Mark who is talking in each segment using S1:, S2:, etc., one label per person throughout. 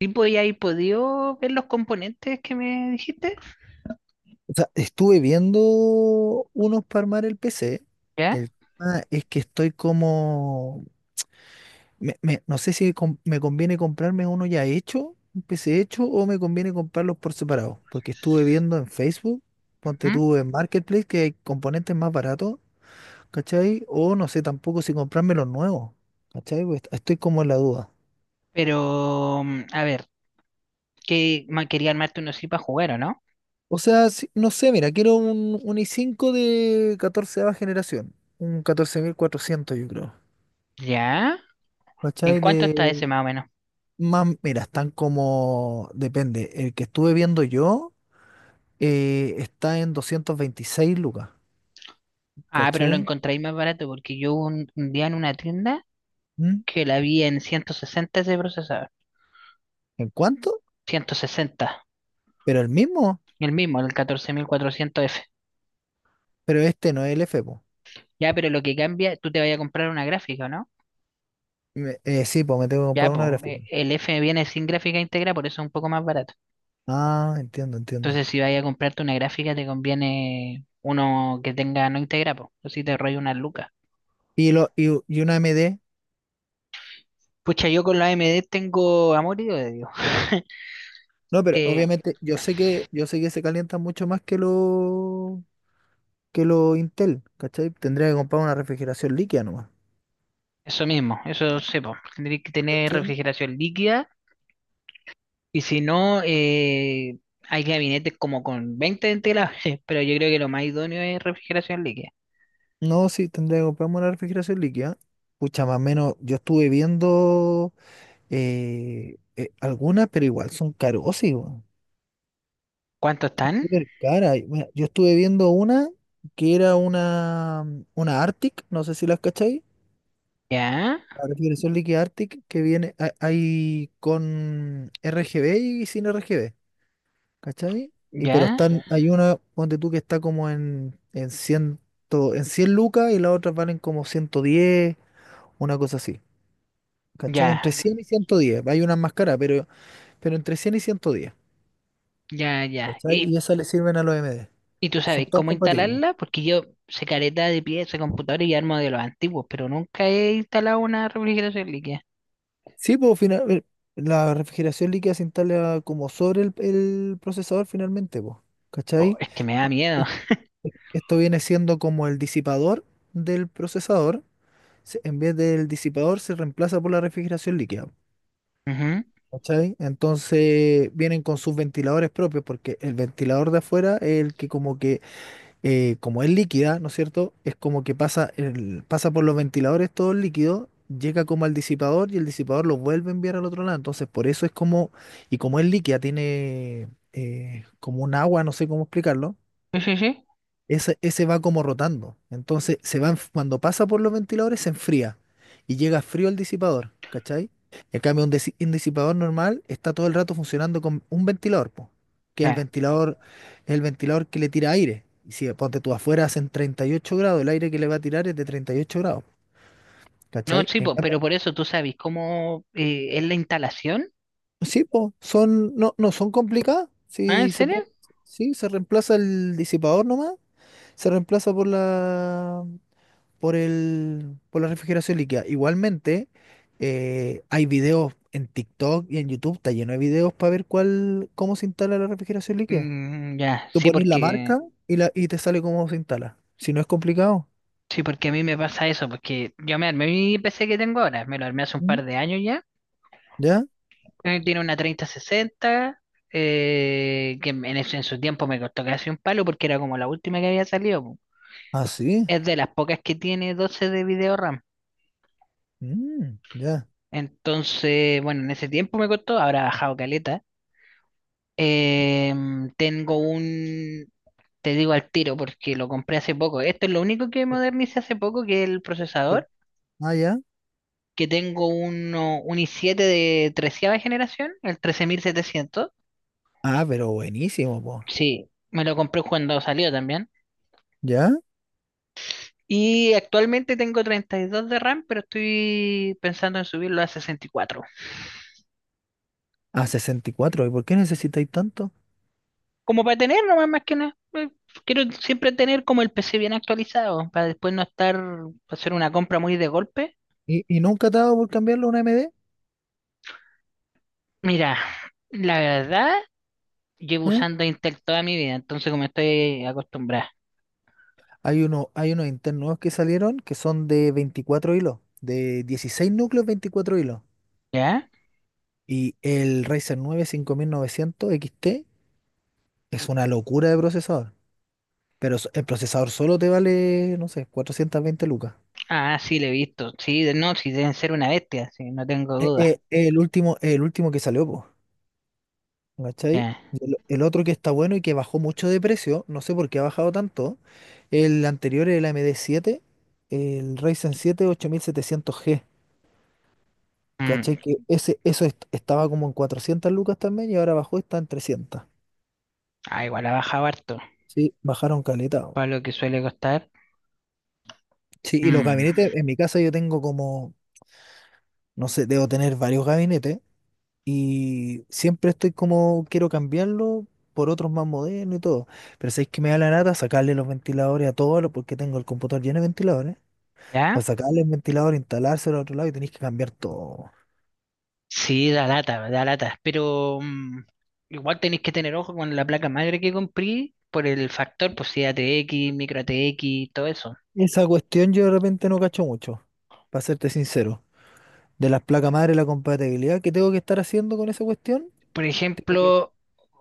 S1: Sí, pues y ahí podido ver los componentes que me dijiste,
S2: O sea, estuve viendo unos para armar el PC.
S1: ¿ya?
S2: El tema es que estoy como... no sé si me conviene comprarme uno ya hecho, un PC hecho, o me conviene comprarlos por separado. Porque estuve viendo en Facebook,
S1: Ujú.
S2: ponte tú en Marketplace, que hay componentes más baratos, ¿cachai? O no sé tampoco si comprarme los nuevos, ¿cachai? Pues estoy como en la duda.
S1: Pero, a ver, quería armarte uno así para jugar, ¿o no?
S2: O sea, no sé, mira, quiero un i5 de catorceava generación. Un 14400, yo creo.
S1: ¿Ya? ¿En
S2: ¿Cachai?
S1: cuánto está
S2: De
S1: ese más o menos?
S2: más, mira, están como, depende, el que estuve viendo yo está en 226 lucas,
S1: Ah, pero lo
S2: ¿cachai?
S1: encontráis más barato porque yo un día en una tienda
S2: ¿Mm?
S1: que la vi en 160 ese procesador.
S2: ¿En cuánto?
S1: 160.
S2: Pero el mismo,
S1: El mismo, el 14400F.
S2: pero este no es el F, po.
S1: Ya, pero lo que cambia, tú te vas a comprar una gráfica, ¿o no?
S2: Sí, pues me tengo que
S1: Ya,
S2: comprar una
S1: pues,
S2: gráfica.
S1: el F viene sin gráfica íntegra, por eso es un poco más barato.
S2: Ah, entiendo, entiendo.
S1: Entonces, si vayas a comprarte una gráfica, te conviene uno que tenga no integra, po, o si te rollo una lucas.
S2: Y, lo, y, y una AMD.
S1: Pucha, yo con la AMD tengo amor y odio. Dios.
S2: No, pero
S1: Eh,
S2: obviamente yo sé que se calientan mucho más que lo Intel, ¿cachai? Tendría que comprar una refrigeración líquida nomás.
S1: Eso mismo, eso sepo. Tendréis que tener refrigeración líquida y si no, hay gabinetes como con 20 ventiladores, pero yo creo que lo más idóneo es refrigeración líquida.
S2: No, sí, tendría que comprarme una refrigeración líquida. Pucha, más o menos, yo estuve viendo algunas, pero igual son carosísimas.
S1: ¿Cuántos están?
S2: Súper cara. Y, mira, yo estuve viendo una que era una una Arctic, no sé si las cacháis.
S1: Ya,
S2: La refrigeración líquida Arctic que viene ahí con RGB y sin RGB, ¿cachai? Y pero
S1: ya,
S2: están, ya, hay una, ponte tú, que está como en 100, en 100 lucas y las otras valen como 110, una cosa así. ¿Cachai?
S1: ya,
S2: Entre 100 y 110, hay unas más caras, pero entre 100 y 110.
S1: ya, ya.
S2: ¿Cachai? Y
S1: Y
S2: esas le sirven a los MD.
S1: Y tú
S2: Son
S1: sabes
S2: todas
S1: cómo
S2: compatibles.
S1: instalarla, porque yo sé careta de pieza, computador y armo de los antiguos, pero nunca he instalado una refrigeración líquida.
S2: Sí, pues final, la refrigeración líquida se instala como sobre el procesador finalmente, pues.
S1: Po,
S2: ¿Cachai?
S1: es que me da miedo.
S2: E- Esto viene siendo como el disipador del procesador. En vez del disipador se reemplaza por la refrigeración líquida.
S1: Ujú.
S2: ¿Cachai? Entonces vienen con sus ventiladores propios porque el ventilador de afuera es el que como es líquida, ¿no es cierto? Es como que pasa, pasa por los ventiladores todo el líquido, llega como al disipador y el disipador lo vuelve a enviar al otro lado. Entonces, por eso es como, y como es líquida, tiene como un agua, no sé cómo explicarlo,
S1: Sí, sí, sí.
S2: ese va como rotando. Entonces, se va, cuando pasa por los ventiladores, se enfría y llega frío el disipador, ¿cachai? En cambio, un, un disipador normal está todo el rato funcionando con un ventilador, po, que es
S1: Ya.
S2: el ventilador que le tira aire. Y si ponte tú afuera hacen 38 grados, el aire que le va a tirar es de 38 grados,
S1: No,
S2: ¿cachai?
S1: sí,
S2: En
S1: po,
S2: cambio,
S1: pero por eso tú sabes cómo es la instalación.
S2: sí, po, son, no, no son complicadas.
S1: ¿Ah, en
S2: Sí, se
S1: serio?
S2: puede, sí, se reemplaza el disipador nomás, se reemplaza por la. Por el, por la refrigeración líquida. Igualmente, hay videos en TikTok y en YouTube, está lleno de videos para ver cuál, cómo se instala la refrigeración líquida.
S1: Mm, ya,
S2: Tú pones la marca y, la, y te sale cómo se instala. Si no es complicado.
S1: sí, porque a mí me pasa eso, porque yo me armé mi PC que tengo ahora, me lo armé hace un
S2: Mm.
S1: par de años ya.
S2: ¿Ya?
S1: Tiene una 3060, que en su tiempo me costó casi un palo porque era como la última que había salido.
S2: Ah, sí.
S1: Es de las pocas que tiene 12 de video RAM.
S2: Mm, ya.
S1: Entonces, bueno, en ese tiempo me costó, ahora ha bajado caleta. Tengo te digo al tiro porque lo compré hace poco. Esto es lo único que
S2: Ya.
S1: modernicé hace poco, que es el
S2: Eh,
S1: procesador,
S2: Ah, ya.
S1: que tengo un i7 de treceava generación, el 13700.
S2: Ah, pero buenísimo, po.
S1: Sí, me lo compré cuando salió también.
S2: ¿Ya?
S1: Y actualmente tengo 32 de RAM, pero estoy pensando en subirlo a 64
S2: A sesenta ¿ cuatro. Y por qué necesitáis tanto?
S1: como para tener nomás más que nada. Quiero siempre tener como el PC bien actualizado, para después no estar, hacer una compra muy de golpe.
S2: Y nunca te ha dado por cambiarlo a una MD?
S1: Mira, la verdad, llevo usando Intel toda mi vida, entonces como estoy acostumbrada,
S2: Hay uno, hay unos internos nuevos que salieron que son de 24 hilos, de 16 núcleos, 24 hilos.
S1: ¿ya?
S2: Y el Ryzen 9 5900 XT es una locura de procesador. Pero el procesador solo te vale, no sé, 420 lucas.
S1: Ah, sí, le he visto. Sí, no, sí deben ser una bestia, sí, no tengo duda.
S2: El último, el último que salió, pues, ¿cachai?
S1: Ya.
S2: Y el otro que está bueno y que bajó mucho de precio, no sé por qué ha bajado tanto, el anterior, el AMD 7, el Ryzen 7 8700G. ¿Cachai?
S1: Mm.
S2: Que ese, estaba como en 400 lucas también y ahora bajó, está en 300.
S1: Ah, igual ha bajado harto,
S2: Sí, bajaron caleta.
S1: para lo que suele costar.
S2: Sí, y los
S1: Mm.
S2: gabinetes, en mi casa yo tengo como, no sé, debo tener varios gabinetes y siempre estoy como, quiero cambiarlo por otros más modernos y todo. Pero sabéis que me da la nata sacarle los ventiladores a porque tengo el computador lleno de ventiladores. Para
S1: ¿Ya?
S2: sacarle el ventilador, instalárselo al otro lado y tenéis que cambiar todo.
S1: Sí, da lata, pero igual tenéis que tener ojo con la placa madre que compré por el factor, pues si ATX, micro ATX, todo eso.
S2: Esa cuestión yo de repente no cacho mucho, para serte sincero. De las placas madre, la compatibilidad que tengo que estar haciendo con esa cuestión.
S1: Por
S2: Tengo que...
S1: ejemplo,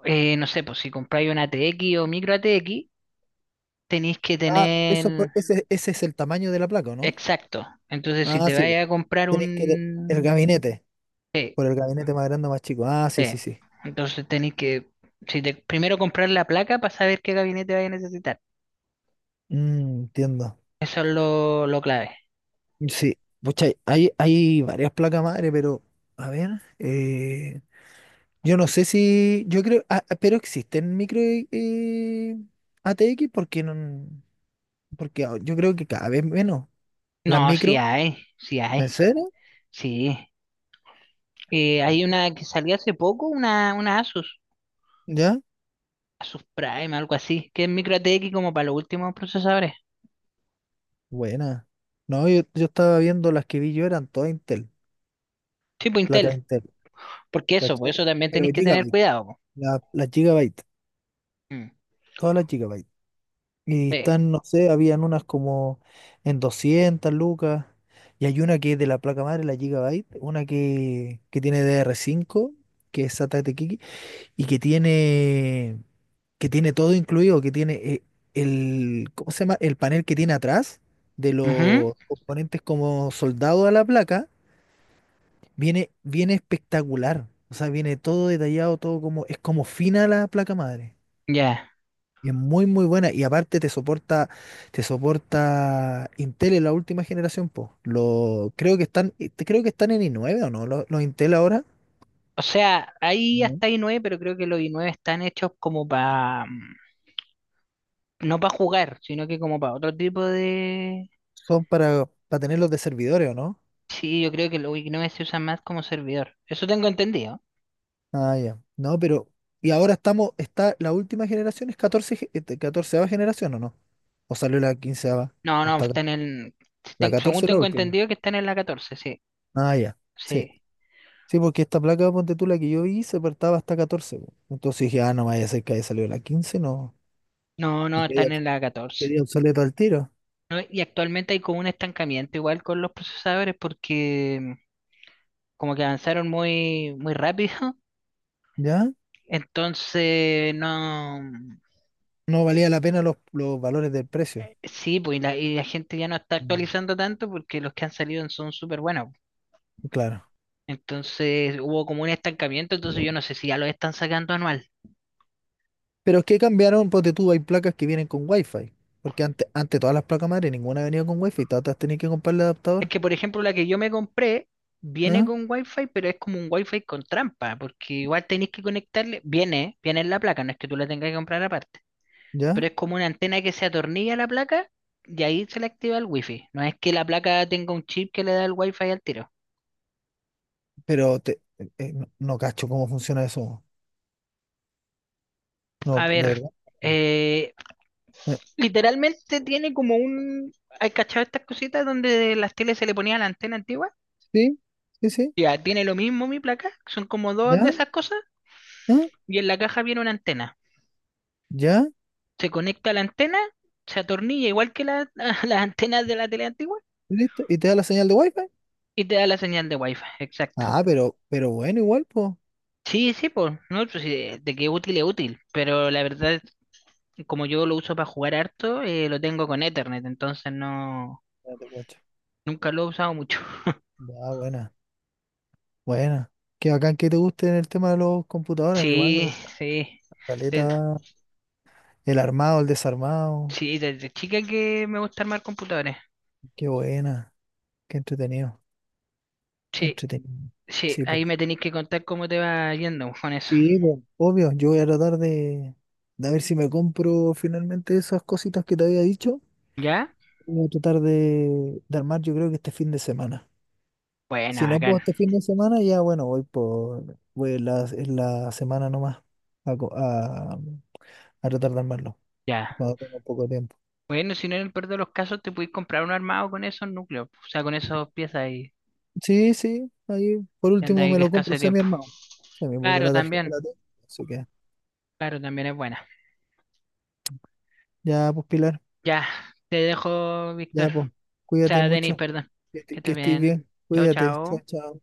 S1: no sé, pues si compráis una ATX o micro ATX, tenéis que
S2: Ah, eso,
S1: tener
S2: ese es el tamaño de la placa, ¿o no?
S1: exacto. Entonces, si
S2: Ah,
S1: te
S2: sí, po.
S1: vais a comprar
S2: Tenéis que... El
S1: un...
S2: gabinete,
S1: Sí,
S2: por el gabinete más grande o más chico. Ah, sí,
S1: sí.
S2: sí, sí.
S1: Entonces tenéis que, si te- primero comprar la placa para saber qué gabinete vais a necesitar.
S2: Mm, entiendo.
S1: Eso es lo clave.
S2: Sí. Pucha, hay varias placas madre, pero a ver, eh, yo no sé si, yo creo, pero existen micro ATX porque no, porque yo creo que cada vez menos las
S1: No, sí
S2: micro,
S1: hay, sí
S2: ¿en
S1: hay,
S2: serio?
S1: sí. Hay una que salió hace poco, una Asus,
S2: ¿Ya?
S1: Asus Prime, algo así, que es micro ATX como para los últimos procesadores,
S2: Buena. No, yo estaba viendo las que vi yo, eran todas Intel,
S1: tipo
S2: placas
S1: Intel.
S2: Intel,
S1: Porque eso, por
S2: ¿cachai?
S1: eso también
S2: Pero
S1: tenéis que tener
S2: Gigabyte,
S1: cuidado, po.
S2: las Gigabyte,
S1: Mm.
S2: todas las Gigabyte. Y
S1: Sí.
S2: están, no sé, habían unas como en 200 lucas, y hay una que es de la placa madre, la Gigabyte, una que tiene dr cinco que es SATA de Kiki, y que tiene todo incluido, que tiene el, ¿cómo se llama? El panel que tiene atrás de
S1: Ujú.
S2: los componentes como soldado a la placa. Viene, viene espectacular. O sea, viene todo detallado, todo como, es como fina la placa madre.
S1: Ya.
S2: Y es muy, muy buena. Y aparte te soporta Intel en la última generación, po. Lo, creo que están en i9 o no. Los Intel ahora
S1: O sea, hay
S2: no
S1: hasta i9, pero creo que los i9 están hechos como para, no para jugar, sino que como para otro tipo de...
S2: son para tenerlos de servidores o no.
S1: Sí, yo creo que los i9 se usan más como servidor. Eso tengo entendido.
S2: Ah, ya. No, pero, y ahora estamos, está, la última generación es 14 este, 14 generación o no. O salió la quinceava.
S1: No,
S2: O
S1: no,
S2: está,
S1: está en el...
S2: la
S1: según
S2: 14 es la
S1: tengo
S2: última.
S1: entendido que están en la 14, sí.
S2: Ah, ya. Sí.
S1: Sí.
S2: Sí, porque esta placa, ponte tú, la que yo vi, se partaba hasta 14, po. Entonces dije, ah, no vaya a ser que haya salido la 15, no.
S1: No, no,
S2: Y quedé,
S1: están en la catorce.
S2: quedé obsoleto al tiro,
S1: No, y actualmente hay como un estancamiento igual con los procesadores porque como que avanzaron muy, muy rápido.
S2: ¿ya?
S1: Entonces, no. Mm.
S2: No valía la pena los valores del precio.
S1: Sí, pues y la gente ya no está
S2: Mm.
S1: actualizando tanto porque los que han salido son súper buenos.
S2: Claro.
S1: Entonces hubo como un estancamiento, entonces yo no sé si ya lo están sacando anual.
S2: Pero es que cambiaron, ponte tú, hay placas que vienen con Wi-Fi. Porque antes, antes todas las placas madre, ninguna venía con Wi-Fi, todas las tenías que comprar el
S1: Es
S2: adaptador.
S1: que, por ejemplo, la que yo me compré viene
S2: ¿Ah?
S1: con Wi-Fi, pero es como un Wi-Fi con trampa, porque igual tenéis que conectarle, viene en la placa, no es que tú la tengas que comprar aparte.
S2: ¿Ya?
S1: Pero es como una antena que se atornilla a la placa y ahí se le activa el wifi. No es que la placa tenga un chip que le da el wifi al tiro.
S2: Pero te, no, no cacho cómo funciona eso. No,
S1: A
S2: de
S1: ver,
S2: verdad.
S1: eh,
S2: Eh,
S1: literalmente tiene como un... ¿Hay cachado estas cositas donde las teles se le ponía la antena antigua?
S2: Sí, sí, sí.
S1: Ya, tiene lo mismo mi placa, son como dos de
S2: ¿Ya?
S1: esas cosas
S2: ¿Ah?
S1: y en la caja viene una antena.
S2: ¿Ya?
S1: Se conecta a la antena, se atornilla igual que las antenas de la tele antigua
S2: ¿Listo? ¿Y te da la señal de Wi-Fi?
S1: y te da la señal de wifi, exacto.
S2: Ah, pero bueno, igual, pues.
S1: Sí, sí, pues, no, pues, sí, de que útil es útil, pero la verdad como yo lo uso para jugar harto, lo tengo con Ethernet, entonces no,
S2: Ya te cacho.
S1: nunca lo he usado mucho.
S2: Ya, buena, buena. Qué bacán que te guste el tema de los computadores. A mí igual me
S1: Sí,
S2: gusta
S1: sí. De-
S2: caleta. El armado, el desarmado.
S1: sí, desde chica que me gusta armar computadores.
S2: Qué buena. Qué entretenido. Qué
S1: Sí,
S2: entretenido.
S1: sí,
S2: Sí, pues.
S1: ahí me tenéis que contar cómo te va yendo con eso.
S2: Sí, pues. Obvio, yo voy a tratar de ver si me compro finalmente esas cositas que te había dicho.
S1: ¿Ya?
S2: Voy a tratar de armar, yo creo que este fin de semana.
S1: Bueno,
S2: Si no puedo
S1: bacán.
S2: este fin de semana, ya bueno, voy por, voy en la semana nomás a, a retardar más no,
S1: Ya.
S2: cuando tenga poco tiempo.
S1: Bueno, si no, en el peor de los casos, te podéis comprar un armado con esos núcleos, o sea, con esas piezas y
S2: Sí, sí, ahí por
S1: te
S2: último
S1: andáis
S2: me lo
S1: escaso
S2: compro
S1: de
S2: semi
S1: tiempo.
S2: armado. Semi, porque
S1: Claro,
S2: la tarjeta
S1: también.
S2: la tengo. Así que
S1: Claro, también es buena.
S2: ya, pues, Pilar,
S1: Ya, te dejo,
S2: ya,
S1: Víctor.
S2: pues, cuídate
S1: Denis,
S2: mucho,
S1: perdón.
S2: que,
S1: Que
S2: que
S1: estés
S2: estés
S1: bien.
S2: bien,
S1: Chao,
S2: cuídate, chao,
S1: chao.
S2: chao.